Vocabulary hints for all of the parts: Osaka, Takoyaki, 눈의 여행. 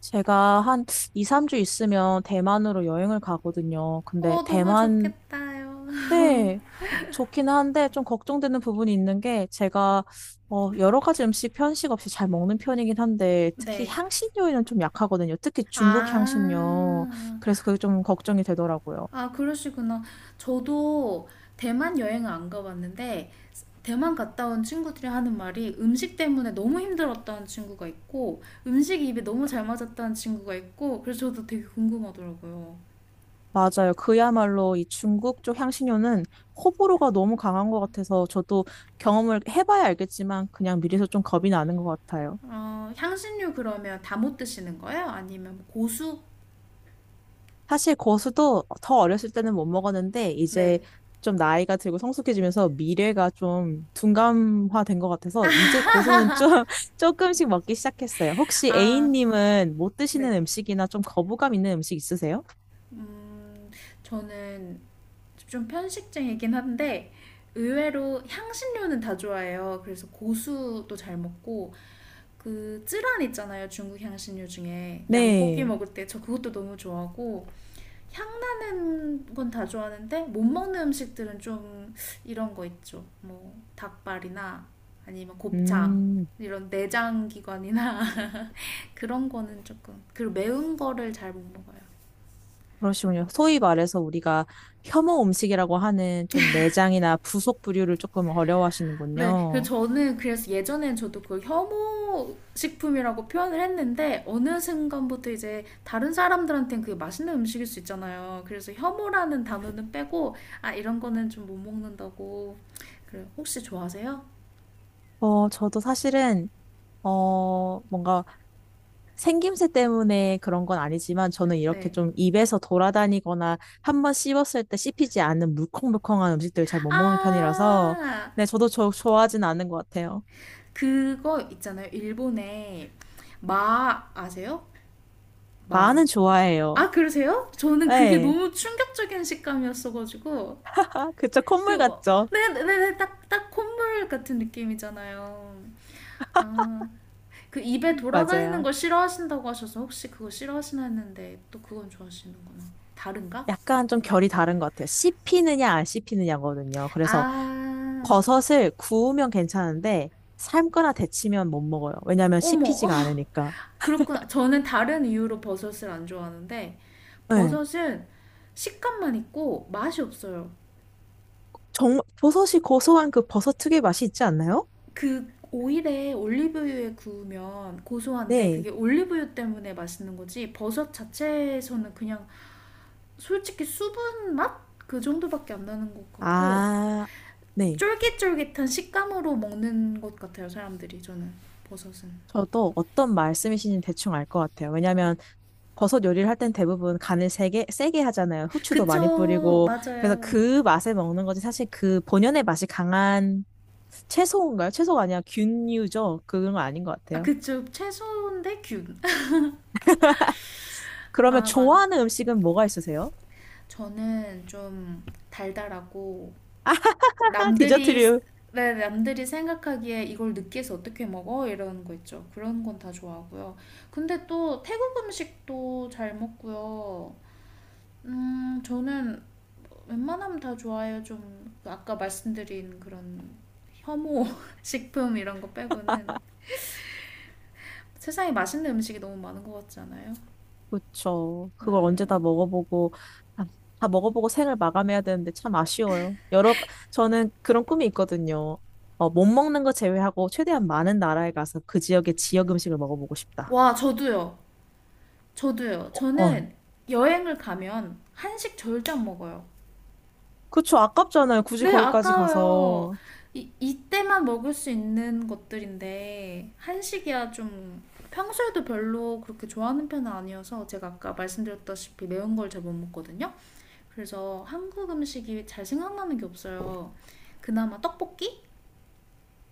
제가 한 2, 3주 있으면 대만으로 여행을 가거든요. 근데 어, 너무 대만 좋겠다요. 때 좋기는 한데 좀 걱정되는 부분이 있는 게 제가 여러 가지 음식 편식 없이 잘 먹는 편이긴 한데 특히 네. 향신료에는 좀 약하거든요. 특히 중국 아, 향신료. 그래서 그게 좀 걱정이 되더라고요. 아, 그러시구나. 저도 대만 여행을 안 가봤는데, 대만 갔다 온 친구들이 하는 말이 음식 때문에 너무 힘들었다는 친구가 있고, 음식이 입에 너무 잘 맞았다는 친구가 있고, 그래서 저도 되게 궁금하더라고요. 맞아요. 그야말로 이 중국 쪽 향신료는 호불호가 너무 강한 것 같아서 저도 경험을 해봐야 알겠지만 그냥 미리서 좀 겁이 나는 것 같아요. 어, 향신료 그러면 다 못 드시는 거예요? 아니면 고수? 사실 고수도 더 어렸을 때는 못 먹었는데 이제 네. 좀 나이가 들고 성숙해지면서 미래가 좀 둔감화된 것 같아서 이제 고수는 좀 조금씩 먹기 시작했어요. 혹시 아, A님은 못 드시는 네. 음식이나 좀 거부감 있는 음식 있으세요? 음, 저는 좀 편식쟁이긴 한데 의외로 향신료는 다 좋아해요. 그래서 고수도 잘 먹고 그 쯔란 있잖아요. 중국 향신료 중에 양고기 네. 먹을 때 저 그것도 너무 좋아하고 향 나는 건 다 좋아하는데 못 먹는 음식들은 좀 이런 거 있죠. 뭐 닭발이나 아니면 곱창 음, 이런 내장 기관이나 그런 거는 조금, 그리고 매운 거를 잘 못 먹어요. 그러시군요. 소위 말해서 우리가 혐오 음식이라고 하는 좀 내장이나 부속 부류를 조금 네, 그 어려워하시는군요. 저는 그래서 예전엔 저도 그 혐오 식품이라고 표현을 했는데 어느 순간부터 이제 다른 사람들한테는 그게 맛있는 음식일 수 있잖아요. 그래서 혐오라는 단어는 빼고 아 이런 거는 좀 못 먹는다고. 그래 혹시 좋아하세요? 저도 사실은 뭔가 생김새 때문에 그런 건 아니지만 저는 이렇게 네. 좀 입에서 돌아다니거나 한번 씹었을 때 씹히지 않는 물컹물컹한 음식들 잘 못 먹는 편이라서 아 네, 저도 저 좋아하진 않은 것 같아요. 그거 있잖아요. 일본에 마 아세요? 마는 마. 좋아해요. 아 그러세요? 저는 그게 네. 너무 충격적인 식감이었어가지고 아, 그쵸. 그 콧물 뭐, 같죠? 네네네, 딱, 딱 콧물 같은 느낌이잖아요. 아, 그 입에 돌아다니는 맞아요. 거 싫어하신다고 하셔서 혹시 그거 싫어하시나 했는데 또 그건 좋아하시는구나. 다른가? 약간 좀 네. 결이 다른 것 같아요. 씹히느냐 안 씹히느냐거든요. 그래서 아, 버섯을 구우면 괜찮은데 삶거나 데치면 못 먹어요. 왜냐면 어머, 씹히지가 않으니까. 그렇구나. 저는 다른 이유로 버섯을 안 좋아하는데 네. 버섯은 식감만 있고 맛이 없어요. 정말 버섯이 고소한 그 버섯 특유의 맛이 있지 않나요? 그 오일에 올리브유에 구우면 고소한데 그게 네. 올리브유 때문에 맛있는 거지 버섯 자체에서는 그냥 솔직히 수분 맛? 그 정도밖에 안 나는 것 같고 아, 네. 쫄깃쫄깃한 식감으로 먹는 것 같아요 사람들이. 저는 버섯은 저도 어떤 말씀이신지 대충 알 것 같아요. 왜냐면 버섯 요리를 할 땐 대부분 간을 세게 하잖아요. 후추도 많이 그쵸 뿌리고. 그래서 맞아요 그 맛에 먹는 거지. 사실 그 본연의 맛이 강한 채소인가요? 채소가 아니라 균류죠. 그건 아닌 것 아 같아요. 그쵸 채소인데 그러면 균아만 좋아하는 음식은 뭐가 있으세요? 저는 좀 달달하고 남들이 디저트류. 네, 남들이 생각하기에 이걸 느끼해서 어떻게 먹어? 이런 거 있죠. 그런 건 다 좋아하고요. 근데 또 태국 음식도 잘 먹고요. 저는 웬만하면 다 좋아요. 좀 아까 말씀드린 그런 혐오 식품 이런 거 빼고는 세상에 맛있는 음식이 너무 많은 것 같지 않아요? 그쵸. 그걸 언제 다 먹어보고, 아, 다 먹어보고 생을 마감해야 되는데 참 아쉬워요. 여러, 저는 그런 꿈이 있거든요. 못 먹는 거 제외하고 최대한 많은 나라에 가서 그 지역의 지역 음식을 먹어보고 싶다. 와, 저도요. 저도요. 어, 어. 저는 여행을 가면 한식 절대 안 먹어요. 그쵸. 아깝잖아요. 굳이 네, 거기까지 아까워요. 가서. 이, 이때만 먹을 수 있는 것들인데 한식이야 좀 평소에도 별로 그렇게 좋아하는 편은 아니어서 제가 아까 말씀드렸다시피 매운 걸 잘 못 먹거든요. 그래서 한국 음식이 잘 생각나는 게 없어요. 그나마 떡볶이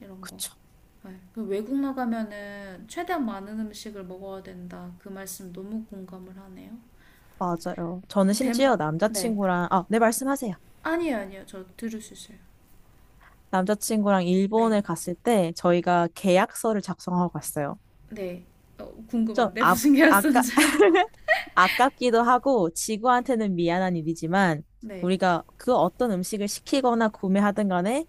이런 거. 그쵸. 네. 그 외국 나가면은 최대한 많은 음식을 먹어야 된다. 그 말씀 너무 공감을 하네요. 맞아요. 저는 대, 심지어 네. 남자친구랑, 아, 네, 말씀하세요. 아니에요, 아니에요. 저 들을 수 있어요. 남자친구랑 네, 일본에 갔을 때 저희가 계약서를 작성하고 갔어요. 네. 어, 좀 궁금한데 아, 무슨 아까, 계약서인지. 아깝기도 하고 지구한테는 미안한 일이지만 네. 우리가 그 어떤 음식을 시키거나 구매하든 간에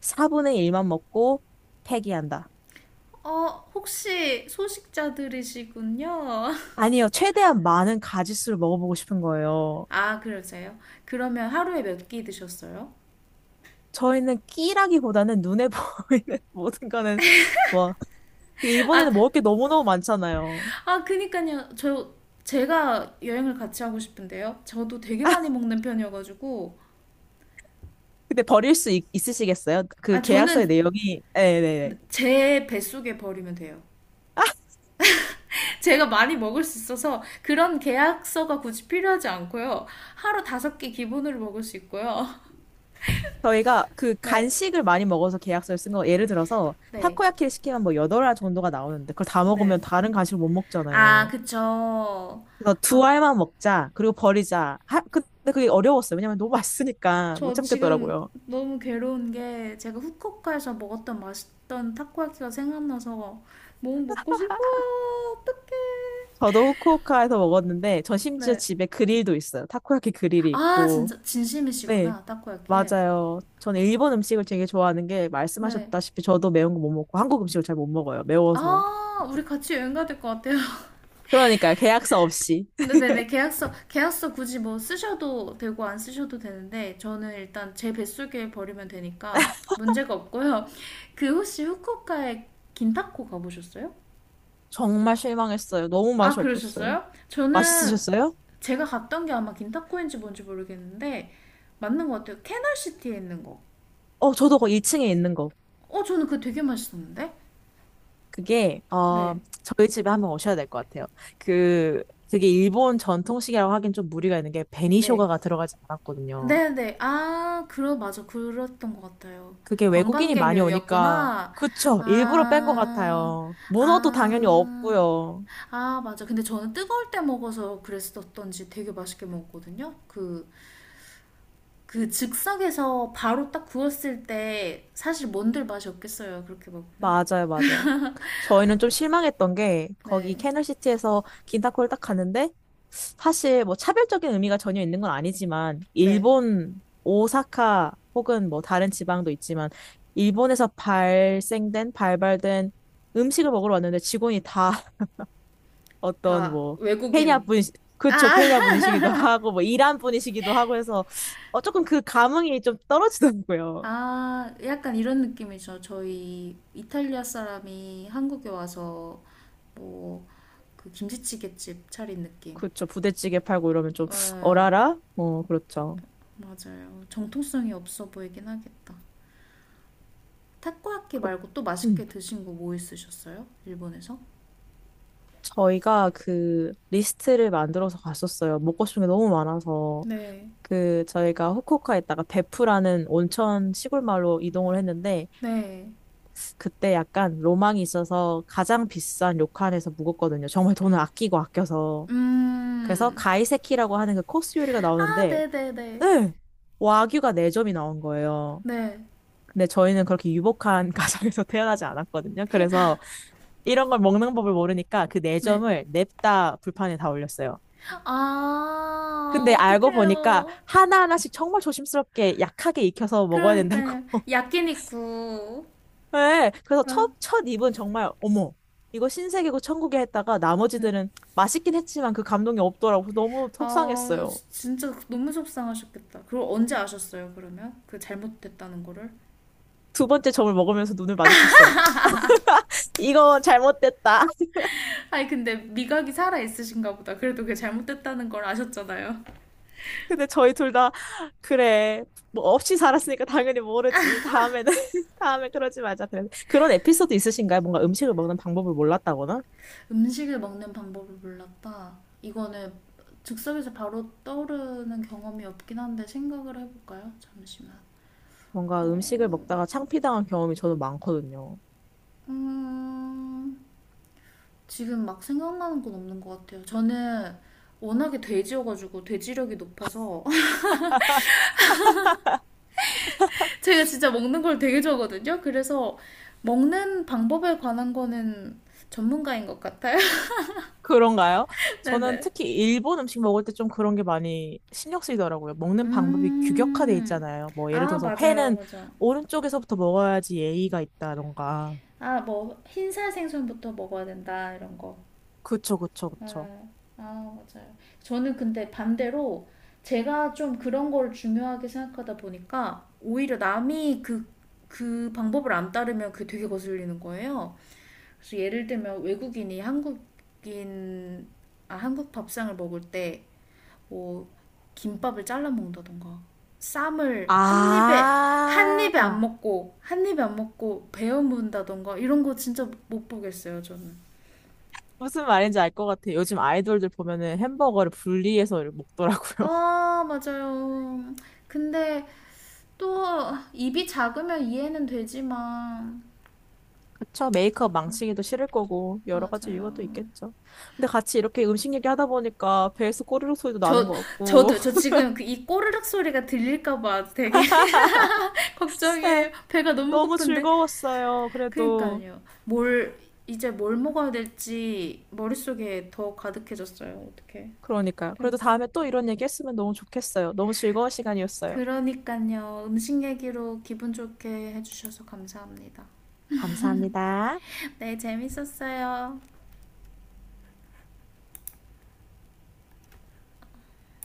4분의 1만 먹고 폐기한다. 어, 혹시 소식자들이시군요. 아니요, 최대한 많은 가짓수를 먹어보고 싶은 거예요. 아, 그러세요? 그러면 하루에 몇 끼 드셨어요? 저희는 끼라기보다는 눈에 보이는 모든 거는 뭐 그 아, 일본에는 먹을 게 너무너무 많잖아요. 아, 그니까요. 저, 제가 여행을 같이 하고 싶은데요. 저도 되게 많이 먹는 편이어가지고. 근데 버릴 수 있으시겠어요? 그 아, 계약서의 저는 내용이 네네네. 제 뱃속에 버리면 돼요. 제가 많이 먹을 수 있어서 그런 계약서가 굳이 필요하지 않고요. 하루 다섯 개 기본으로 먹을 수 있고요. 저희가 그 네, 간식을 많이 먹어서 계약서를 쓴 거, 예를 들어서 네, 타코야키를 시키면 뭐 8알 정도가 나오는데 그걸 다 네. 먹으면 다른 간식을 못 아, 먹잖아요. 그쵸. 그래서 두 아, 알만 먹자, 그리고 버리자. 하, 근데 그게 어려웠어요. 왜냐면 너무 맛있으니까 못 저 지금 참겠더라고요. 너무 괴로운 게 제가 후쿠오카에서 먹었던 맛있던 타코야키가 생각나서 너무 먹고 싶어요. 어떡해. 저도 후쿠오카에서 먹었는데 전 심지어 네. 집에 그릴도 있어요. 타코야키 그릴이 아, 있고. 진짜 네, 진심이시구나. 타코야끼. 맞아요. 저는 일본 음식을 되게 좋아하는 게 네. 말씀하셨다시피 저도 매운 거 못 먹고 한국 음식을 잘 못 먹어요. 매워서. 아, 우리 같이 여행 가야 될 것 같아요. 그러니까 계약서 없이. 네네네. 계약서, 계약서 굳이 뭐 쓰셔도 되고 안 쓰셔도 되는데, 저는 일단 제 뱃속에 버리면 되니까 문제가 없고요. 그 혹시 후쿠오카에 긴타코 가보셨어요? 정말 실망했어요. 너무 아, 맛이 없었어요. 그러셨어요? 저는 맛있으셨어요? 제가 갔던 게 아마 긴타코인지 뭔지 모르겠는데, 맞는 것 같아요. 캐널시티에 있는 거. 어, 저도 그 1층에 있는 거. 어, 저는 그거 되게 맛있었는데? 그게, 어, 네. 저희 집에 한번 오셔야 될 것 같아요. 그, 그게 일본 전통식이라고 하긴 좀 무리가 있는 게 네. 베니쇼가가 들어가지 않았거든요. 네네. 아, 그러, 맞아. 그랬던 것 같아요. 그게 외국인이 많이 오니까, 관광객용이었구나. 그쵸. 일부러 뺀 것 아, 같아요. 문어도 당연히 아, 없고요. 아, 맞아. 근데 저는 뜨거울 때 먹어서 그랬었던지 되게 맛있게 먹었거든요. 그, 그 즉석에서 바로 딱 구웠을 때 사실 뭔들 맛이 없겠어요. 그렇게 먹으면. 맞아요, 맞아요. 저희는 좀 실망했던 게, 거기 네. 캐널시티에서 긴타코를 딱 갔는데, 사실 뭐 차별적인 의미가 전혀 있는 건 아니지만 네. 일본 오사카 혹은 뭐 다른 지방도 있지만 일본에서 발생된 발발된 음식을 먹으러 왔는데 직원이 다 어떤 다 뭐 케냐 외국인. 분 아! 그쵸 아, 케냐 분이시기도 하고 뭐 이란 분이시기도 하고 해서 어 조금 그 감흥이 좀 떨어지더라고요. 아, 약간 이런 느낌이죠. 저희 이탈리아 사람이 한국에 와서 뭐 그 김치찌개집 차린 느낌. 그쵸 부대찌개 팔고 이러면 좀 네, 어라라 어 그렇죠. 맞아요. 정통성이 없어 보이긴 하겠다. 타코야키 그- 말고 또 음. 맛있게 드신 거 뭐 있으셨어요? 일본에서? 저희가 그 리스트를 만들어서 갔었어요. 먹고 싶은 게 너무 많아서. 네. 그 저희가 후쿠오카에 있다가 베프라는 온천 시골 마을로 이동을 했는데 네. 그때 약간 로망이 있어서 가장 비싼 료칸에서 묵었거든요. 정말 돈을 아끼고 아껴서. 그래서 음. 가이세키라고 하는 그 코스 요리가 아, 나오는데 네네네. 네. 네! 와규가 네점이 나온 거예요. 네. 근데 저희는 그렇게 유복한 가정에서 태어나지 않았거든요. 그래서 이런 걸 먹는 법을 모르니까 그 네. 네. 네점을 냅다 불판에 다 올렸어요. 아, 근데 알고 보니까 어떡해요. 하나하나씩 정말 조심스럽게 약하게 익혀서 먹어야 그러니까요. 된다고. 야끼니쿠. 네, 그래서 아, 첫 입은 정말, 어머, 이거 신세계고 천국에 했다가 네. 나머지들은 맛있긴 했지만 그 감동이 없더라고. 그래서 너무 아, 속상했어요. 진짜 너무 속상하셨겠다. 그걸 언제 아셨어요, 그러면? 그 잘못됐다는 거를? 두 번째 점을 먹으면서 눈을 마주쳤어요. 이거 잘못됐다. 아니, 근데 미각이 살아 있으신가 보다. 그래도 그게 잘못됐다는 걸 아셨잖아요. 근데 저희 둘 다, 그래, 뭐 없이 살았으니까 당연히 모르지. 다음에는, 다음에 그러지 말자. 그래서 그런 에피소드 있으신가요? 뭔가 음식을 먹는 방법을 몰랐다거나? 음식을 먹는 방법을 몰랐다. 이거는 즉석에서 바로 떠오르는 경험이 없긴 한데 생각을 해볼까요? 잠시만. 뭔가 어, 음식을 먹다가 창피당한 경험이 저는 많거든요. 음, 지금 막 생각나는 건 없는 것 같아요. 저는 워낙에 돼지여가지고 돼지력이 높아서 제가 진짜 먹는 걸 되게 좋아하거든요. 그래서 먹는 방법에 관한 거는 전문가인 것 같아요. 그런가요? 저는 네네. 특히 일본 음식 먹을 때 좀 그런 게 많이 신경 쓰이더라고요. 먹는 방법이 규격화돼 음. 있잖아요. 뭐 예를 아, 들어서 맞아요. 회는 맞아. 오른쪽에서부터 먹어야지 예의가 있다던가. 아, 뭐, 흰살 생선부터 먹어야 된다, 이런 거. 그쵸, 그쵸, 네. 그쵸. 아, 맞아요. 저는 근데 반대로 제가 좀 그런 걸 중요하게 생각하다 보니까 오히려 남이 그, 그 방법을 안 따르면 그게 되게 거슬리는 거예요. 그래서 예를 들면 외국인이 한국인 아, 한국 밥상을 먹을 때 뭐 김밥을 잘라 먹는다던가 쌈을 한 입에 한 아, 입에 안 먹고 한 입에 안 먹고 베어 문다던가 이런 거 진짜 못 보겠어요, 저는. 무슨 말인지 알 것 같아요. 요즘 아이돌들 보면은 햄버거를 분리해서 먹더라고요. 아, 맞아요. 근데 또 입이 작으면 이해는 되지만 그쵸, 메이크업 망치기도 싫을 거고, 여러 가지 이유가 또 맞아요. 있겠죠. 근데 같이 이렇게 음식 얘기하다 보니까 배에서 꼬르륵 소리도 나는 저 것 같고. 저도 저 지금 그 이 꼬르륵 소리가 들릴까 봐 되게 네, 걱정이에요. 배가 너무 너무 고픈데 즐거웠어요. 그래도. 그러니까요. 뭘 이제 뭘 먹어야 될지 머릿속에 더 가득해졌어요. 어떻게? 그러니까요. 그래도 그러니까요. 다음에 또 이런 얘기 했으면 너무 좋겠어요. 너무 즐거운 시간이었어요. 음식 얘기로 기분 좋게 해주셔서 감사합니다. 감사합니다. 네, 재밌었어요.